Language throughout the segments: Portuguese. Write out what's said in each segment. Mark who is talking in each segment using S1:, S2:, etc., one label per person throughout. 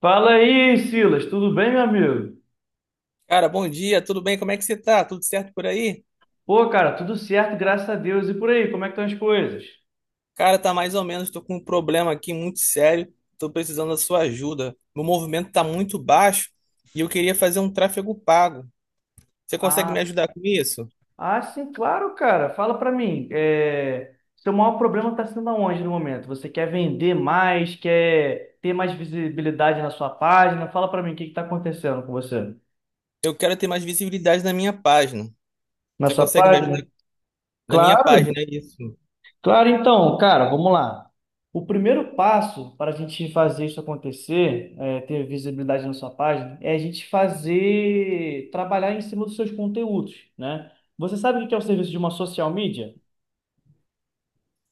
S1: Fala aí, Silas, tudo bem, meu amigo?
S2: Cara, bom dia, tudo bem? Como é que você tá? Tudo certo por aí?
S1: Pô, cara, tudo certo, graças a Deus. E por aí, como é que estão as coisas?
S2: Cara, tá mais ou menos, tô com um problema aqui muito sério, tô precisando da sua ajuda. Meu movimento tá muito baixo e eu queria fazer um tráfego pago. Você consegue me
S1: Ah,
S2: ajudar com isso?
S1: ah, sim, claro, cara. Fala pra mim, seu maior problema tá sendo aonde no momento? Você quer vender mais, quer ter mais visibilidade na sua página? Fala pra mim, o que que tá acontecendo com você?
S2: Eu quero ter mais visibilidade na minha página.
S1: Na
S2: Você
S1: sua
S2: consegue me ajudar
S1: página?
S2: na minha
S1: Claro.
S2: página, é isso?
S1: Claro, então, cara, vamos lá. O primeiro passo para a gente fazer isso acontecer, é, ter visibilidade na sua página, é a gente fazer, trabalhar em cima dos seus conteúdos, né? Você sabe o que é o serviço de uma social media?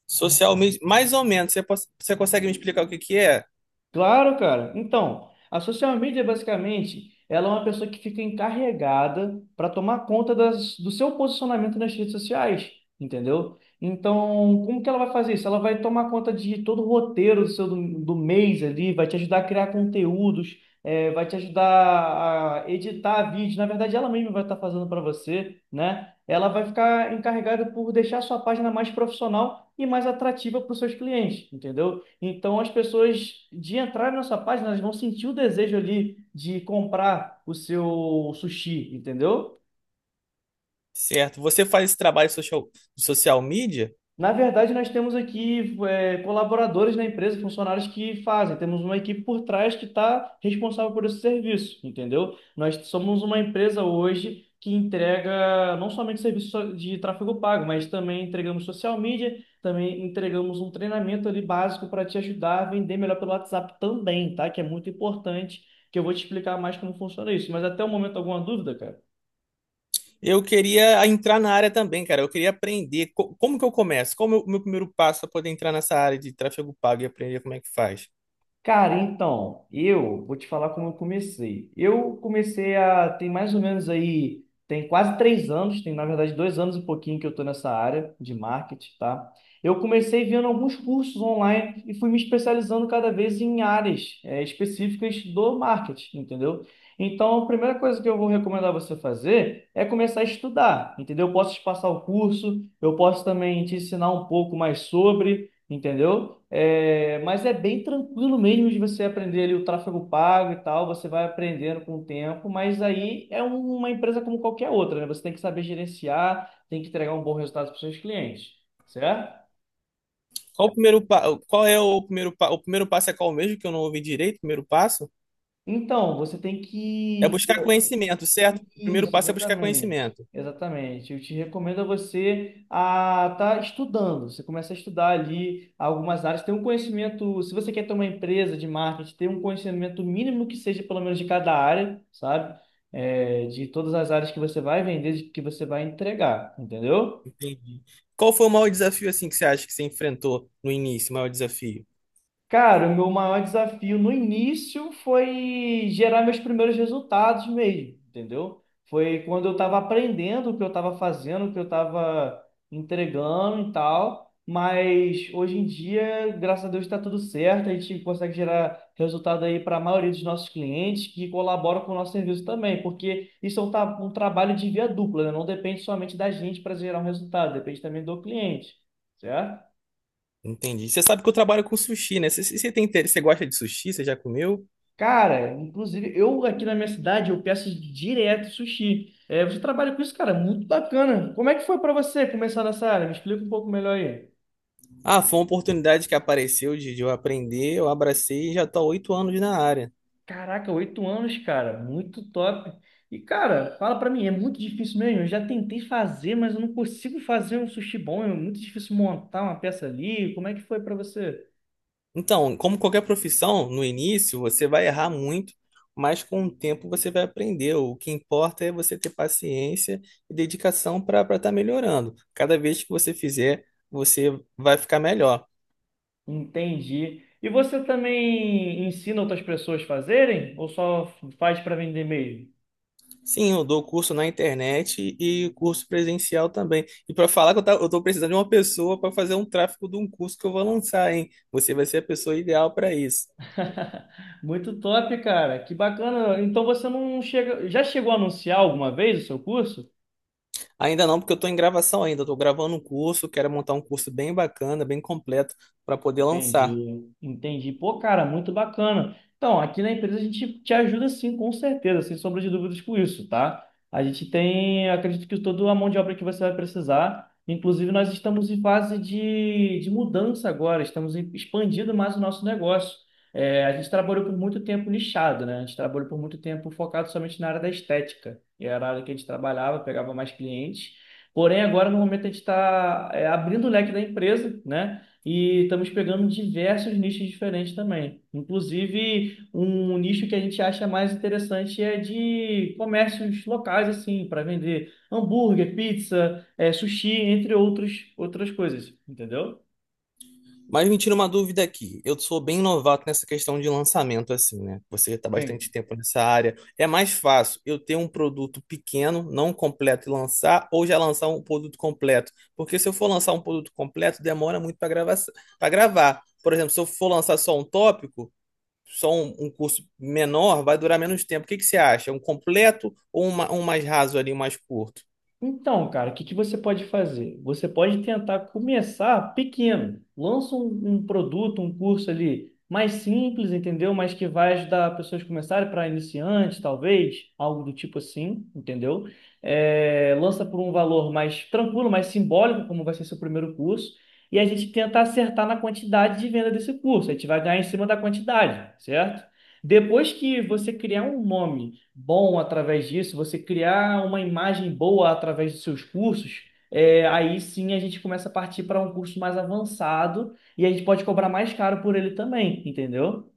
S2: Social media, mais ou menos, você, você consegue me explicar o que que é?
S1: Claro, cara. Então, a social media, basicamente, ela é uma pessoa que fica encarregada para tomar conta do seu posicionamento nas redes sociais, entendeu? Então, como que ela vai fazer isso? Ela vai tomar conta de todo o roteiro do seu do mês ali, vai te ajudar a criar conteúdos, vai te ajudar a editar vídeos. Na verdade, ela mesma vai estar fazendo para você, né? Ela vai ficar encarregada por deixar a sua página mais profissional e mais atrativa para os seus clientes, entendeu? Então, as pessoas de entrar na sua página, elas vão sentir o desejo ali de comprar o seu sushi, entendeu?
S2: Certo, você faz esse trabalho social, de social media?
S1: Na verdade, nós temos aqui colaboradores na empresa, funcionários que fazem. Temos uma equipe por trás que está responsável por esse serviço, entendeu? Nós somos uma empresa hoje que entrega não somente serviço de tráfego pago, mas também entregamos social media, também entregamos um treinamento ali básico para te ajudar a vender melhor pelo WhatsApp também, tá? Que é muito importante, que eu vou te explicar mais como funciona isso. Mas até o momento, alguma dúvida, cara?
S2: Eu queria entrar na área também, cara. Eu queria aprender como que eu começo? Qual o meu primeiro passo para poder entrar nessa área de tráfego pago e aprender como é que faz?
S1: Cara, então, eu vou te falar como eu comecei. Eu comecei a, tem mais ou menos aí, tem quase 3 anos, tem na verdade 2 anos e pouquinho que eu estou nessa área de marketing, tá? Eu comecei vendo alguns cursos online e fui me especializando cada vez em áreas, específicas do marketing, entendeu? Então, a primeira coisa que eu vou recomendar você fazer é começar a estudar, entendeu? Eu posso te passar o curso, eu posso também te ensinar um pouco mais sobre. Entendeu? É, mas é bem tranquilo mesmo de você aprender ali o tráfego pago e tal, você vai aprendendo com o tempo, mas aí é uma empresa como qualquer outra, né? Você tem que saber gerenciar, tem que entregar um bom resultado para os seus clientes, certo?
S2: Qual o primeiro pa... Qual é o primeiro pa... O primeiro passo é qual mesmo que eu não ouvi direito? O primeiro passo
S1: Então, você tem
S2: é
S1: que.
S2: buscar conhecimento, certo? O primeiro
S1: Isso,
S2: passo é buscar
S1: exatamente.
S2: conhecimento.
S1: Exatamente. Eu te recomendo a você a estar estudando. Você começa a estudar ali algumas áreas, ter um conhecimento, se você quer ter uma empresa de marketing, ter um conhecimento mínimo que seja pelo menos de cada área, sabe? É, de todas as áreas que você vai vender, de que você vai entregar, entendeu?
S2: Entendi. Qual foi o maior desafio assim que você acha que você enfrentou no início? O maior desafio?
S1: Cara, o meu maior desafio no início foi gerar meus primeiros resultados mesmo, entendeu? Foi quando eu estava aprendendo o que eu estava fazendo, o que eu estava entregando e tal. Mas hoje em dia, graças a Deus, está tudo certo. A gente consegue gerar resultado aí para a maioria dos nossos clientes que colaboram com o nosso serviço também, porque isso é um trabalho de via dupla, né? Não depende somente da gente para gerar um resultado, depende também do cliente, certo?
S2: Entendi. Você sabe que eu trabalho com sushi, né? Você tem interesse, você gosta de sushi? Você já comeu?
S1: Cara, inclusive, eu aqui na minha cidade, eu peço direto sushi. É, você trabalha com isso, cara, muito bacana. Como é que foi pra você começar nessa área? Me explica um pouco melhor aí.
S2: Ah, foi uma oportunidade que apareceu de eu aprender, eu abracei e já estou há 8 anos na área.
S1: Caraca, 8 anos, cara, muito top. E, cara, fala pra mim, é muito difícil mesmo. Eu já tentei fazer, mas eu não consigo fazer um sushi bom. É muito difícil montar uma peça ali. Como é que foi pra você?
S2: Então, como qualquer profissão, no início você vai errar muito, mas com o tempo você vai aprender. O que importa é você ter paciência e dedicação para estar melhorando. Cada vez que você fizer, você vai ficar melhor.
S1: Entendi. E você também ensina outras pessoas a fazerem? Ou só faz pra vender mesmo?
S2: Sim, eu dou curso na internet e curso presencial também. E para falar que eu estou precisando de uma pessoa para fazer um tráfego de um curso que eu vou lançar, hein? Você vai ser a pessoa ideal para isso.
S1: Muito top, cara. Que bacana. Então você não chega. Já chegou a anunciar alguma vez o seu curso?
S2: Ainda não, porque eu estou em gravação ainda. Estou gravando um curso, quero montar um curso bem bacana, bem completo, para poder lançar.
S1: Entendi, entendi. Pô, cara, muito bacana. Então, aqui na empresa a gente te ajuda sim, com certeza, sem sombra de dúvidas com isso, tá? A gente tem, acredito que toda a mão de obra que você vai precisar. Inclusive, nós estamos em fase de mudança agora, estamos expandindo mais o nosso negócio. É, a gente trabalhou por muito tempo nichado, né? A gente trabalhou por muito tempo focado somente na área da estética. E era a área que a gente trabalhava, pegava mais clientes. Porém, agora no momento a gente está abrindo o leque da empresa, né? E estamos pegando diversos nichos diferentes também. Inclusive, um nicho que a gente acha mais interessante é de comércios locais, assim, para vender hambúrguer, pizza, sushi, entre outros, outras coisas, entendeu?
S2: Mas me tira uma dúvida aqui. Eu sou bem novato nessa questão de lançamento, assim, né? Você está bastante tempo nessa área. É mais fácil eu ter um produto pequeno, não completo, e lançar, ou já lançar um produto completo? Porque se eu for lançar um produto completo, demora muito para gravar, Por exemplo, se eu for lançar só um tópico, só um curso menor vai durar menos tempo. O que que você acha? Um completo ou um mais raso ali, um mais curto?
S1: Então, cara, o que que você pode fazer? Você pode tentar começar pequeno. Lança um produto, um curso ali mais simples, entendeu? Mas que vai ajudar pessoas a começarem para iniciantes, talvez, algo do tipo assim, entendeu? É, lança por um valor mais tranquilo, mais simbólico, como vai ser seu primeiro curso, e a gente tenta acertar na quantidade de venda desse curso. A gente vai ganhar em cima da quantidade, certo? Depois que você criar um nome bom através disso, você criar uma imagem boa através dos seus cursos, é, aí sim a gente começa a partir para um curso mais avançado e a gente pode cobrar mais caro por ele também, entendeu?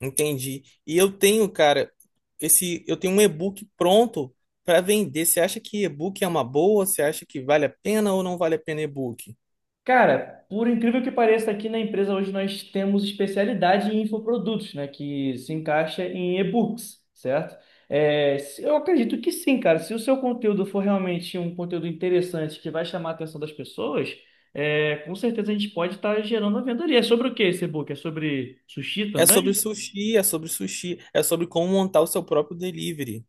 S2: Entendi. E eu tenho, cara, eu tenho um e-book pronto para vender. Você acha que e-book é uma boa? Você acha que vale a pena ou não vale a pena e-book?
S1: Cara, por incrível que pareça, aqui na empresa hoje nós temos especialidade em infoprodutos, né? Que se encaixa em e-books, certo? É, eu acredito que sim, cara. Se o seu conteúdo for realmente um conteúdo interessante que vai chamar a atenção das pessoas, é, com certeza a gente pode estar gerando a venda ali. É sobre o que esse e-book? É sobre sushi
S2: É sobre
S1: também?
S2: sushi, é sobre sushi, é sobre como montar o seu próprio delivery.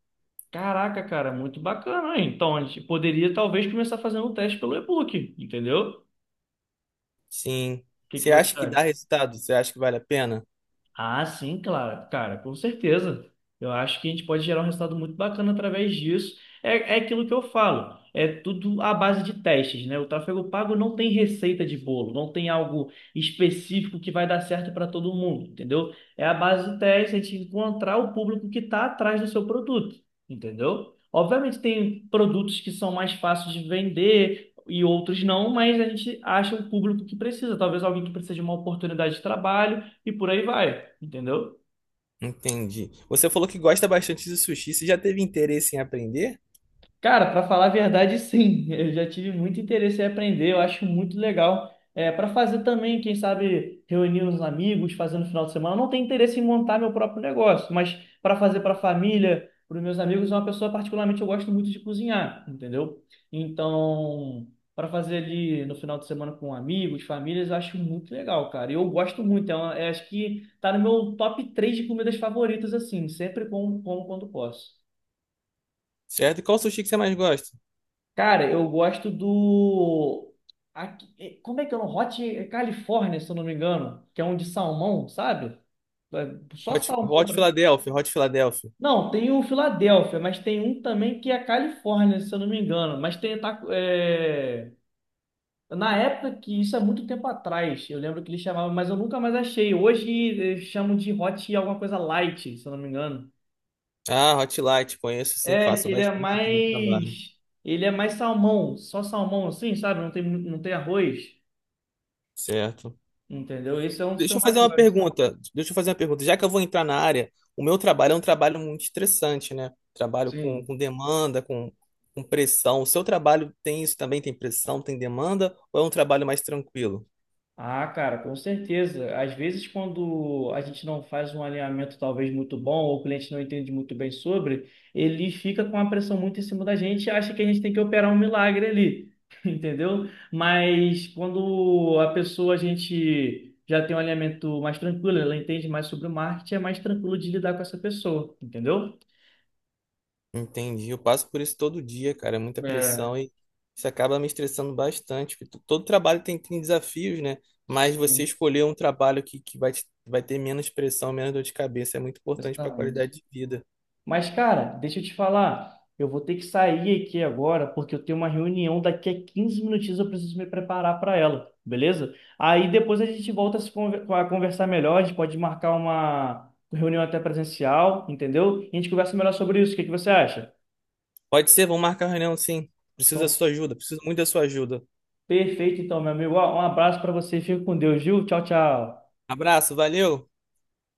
S1: Caraca, cara, muito bacana, hein? Então a gente poderia talvez começar fazendo um teste pelo e-book, entendeu?
S2: Sim.
S1: O que que
S2: Você
S1: você
S2: acha que dá
S1: acha?
S2: resultado? Você acha que vale a pena?
S1: Ah, sim, claro, cara, com certeza. Eu acho que a gente pode gerar um resultado muito bacana através disso. É aquilo que eu falo, é tudo à base de testes, né? O tráfego pago não tem receita de bolo, não tem algo específico que vai dar certo para todo mundo, entendeu? É a base de testes, a gente encontrar o público que está atrás do seu produto, entendeu? Obviamente tem produtos que são mais fáceis de vender e outros não, mas a gente acha o público que precisa, talvez alguém que precisa de uma oportunidade de trabalho e por aí vai, entendeu?
S2: Entendi. Você falou que gosta bastante de sushi. Você já teve interesse em aprender?
S1: Cara, para falar a verdade, sim, eu já tive muito interesse em aprender, eu acho muito legal. É, para fazer também, quem sabe, reunir uns amigos, fazer no final de semana. Eu não tenho interesse em montar meu próprio negócio, mas para fazer para a família, para os meus amigos, é uma pessoa particularmente eu gosto muito de cozinhar, entendeu? Então, para fazer ali no final de semana com amigos, famílias, eu acho muito legal, cara. E eu gosto muito, é acho que tá no meu top 3 de comidas favoritas, assim, sempre como quando posso.
S2: Certo? E qual sushi que você mais gosta?
S1: Cara, eu gosto do... Como é que é o nome? Hot California, se eu não me engano, que é um de salmão, sabe? É só salmão.
S2: Hot Philadelphia, Hot Philadelphia.
S1: Não, tem o Filadélfia, mas tem um também que é a Califórnia, se eu não me engano. Mas tem. Na época que isso é muito tempo atrás, eu lembro que eles chamavam, mas eu nunca mais achei. Hoje eles chamam de hot alguma coisa light, se eu não me engano.
S2: Ah, Hot Light, conheço sim,
S1: É, que
S2: faço
S1: ele é
S2: bastante aqui no trabalho.
S1: mais. Ele é mais salmão, só salmão assim, sabe? Não tem arroz.
S2: Certo.
S1: Entendeu? Esse é um dos que
S2: Deixa
S1: eu
S2: eu
S1: mais
S2: fazer uma
S1: gosto.
S2: pergunta. Deixa eu fazer uma pergunta. Já que eu vou entrar na área, o meu trabalho é um trabalho muito estressante, né? Trabalho com,
S1: Sim.
S2: com demanda, com pressão. O seu trabalho tem isso também? Tem pressão, tem demanda? Ou é um trabalho mais tranquilo?
S1: Ah, cara, com certeza. Às vezes, quando a gente não faz um alinhamento talvez muito bom, ou o cliente não entende muito bem sobre, ele fica com a pressão muito em cima da gente e acha que a gente tem que operar um milagre ali. Entendeu? Mas quando a pessoa, a gente já tem um alinhamento mais tranquilo, ela entende mais sobre o marketing, é mais tranquilo de lidar com essa pessoa. Entendeu?
S2: Entendi. Eu passo por isso todo dia, cara. É muita pressão
S1: É,
S2: e isso acaba me estressando bastante. Porque todo trabalho tem, tem desafios, né? Mas você
S1: sim,
S2: escolher um trabalho que vai ter menos pressão, menos dor de cabeça, é muito importante para a
S1: exatamente.
S2: qualidade de vida.
S1: Mas, cara, deixa eu te falar. Eu vou ter que sair aqui agora, porque eu tenho uma reunião daqui a 15 minutinhos, eu preciso me preparar para ela, beleza? Aí depois a gente volta a, se conver- a conversar melhor, a gente pode marcar uma reunião até presencial, entendeu? E a gente conversa melhor sobre isso. O que que você acha?
S2: Pode ser, vamos marcar a reunião, sim. Preciso da
S1: Então,
S2: sua ajuda, preciso muito da sua ajuda.
S1: perfeito, então, meu amigo. Ó, um abraço para você, fica com Deus, viu? Tchau, tchau.
S2: Abraço, valeu!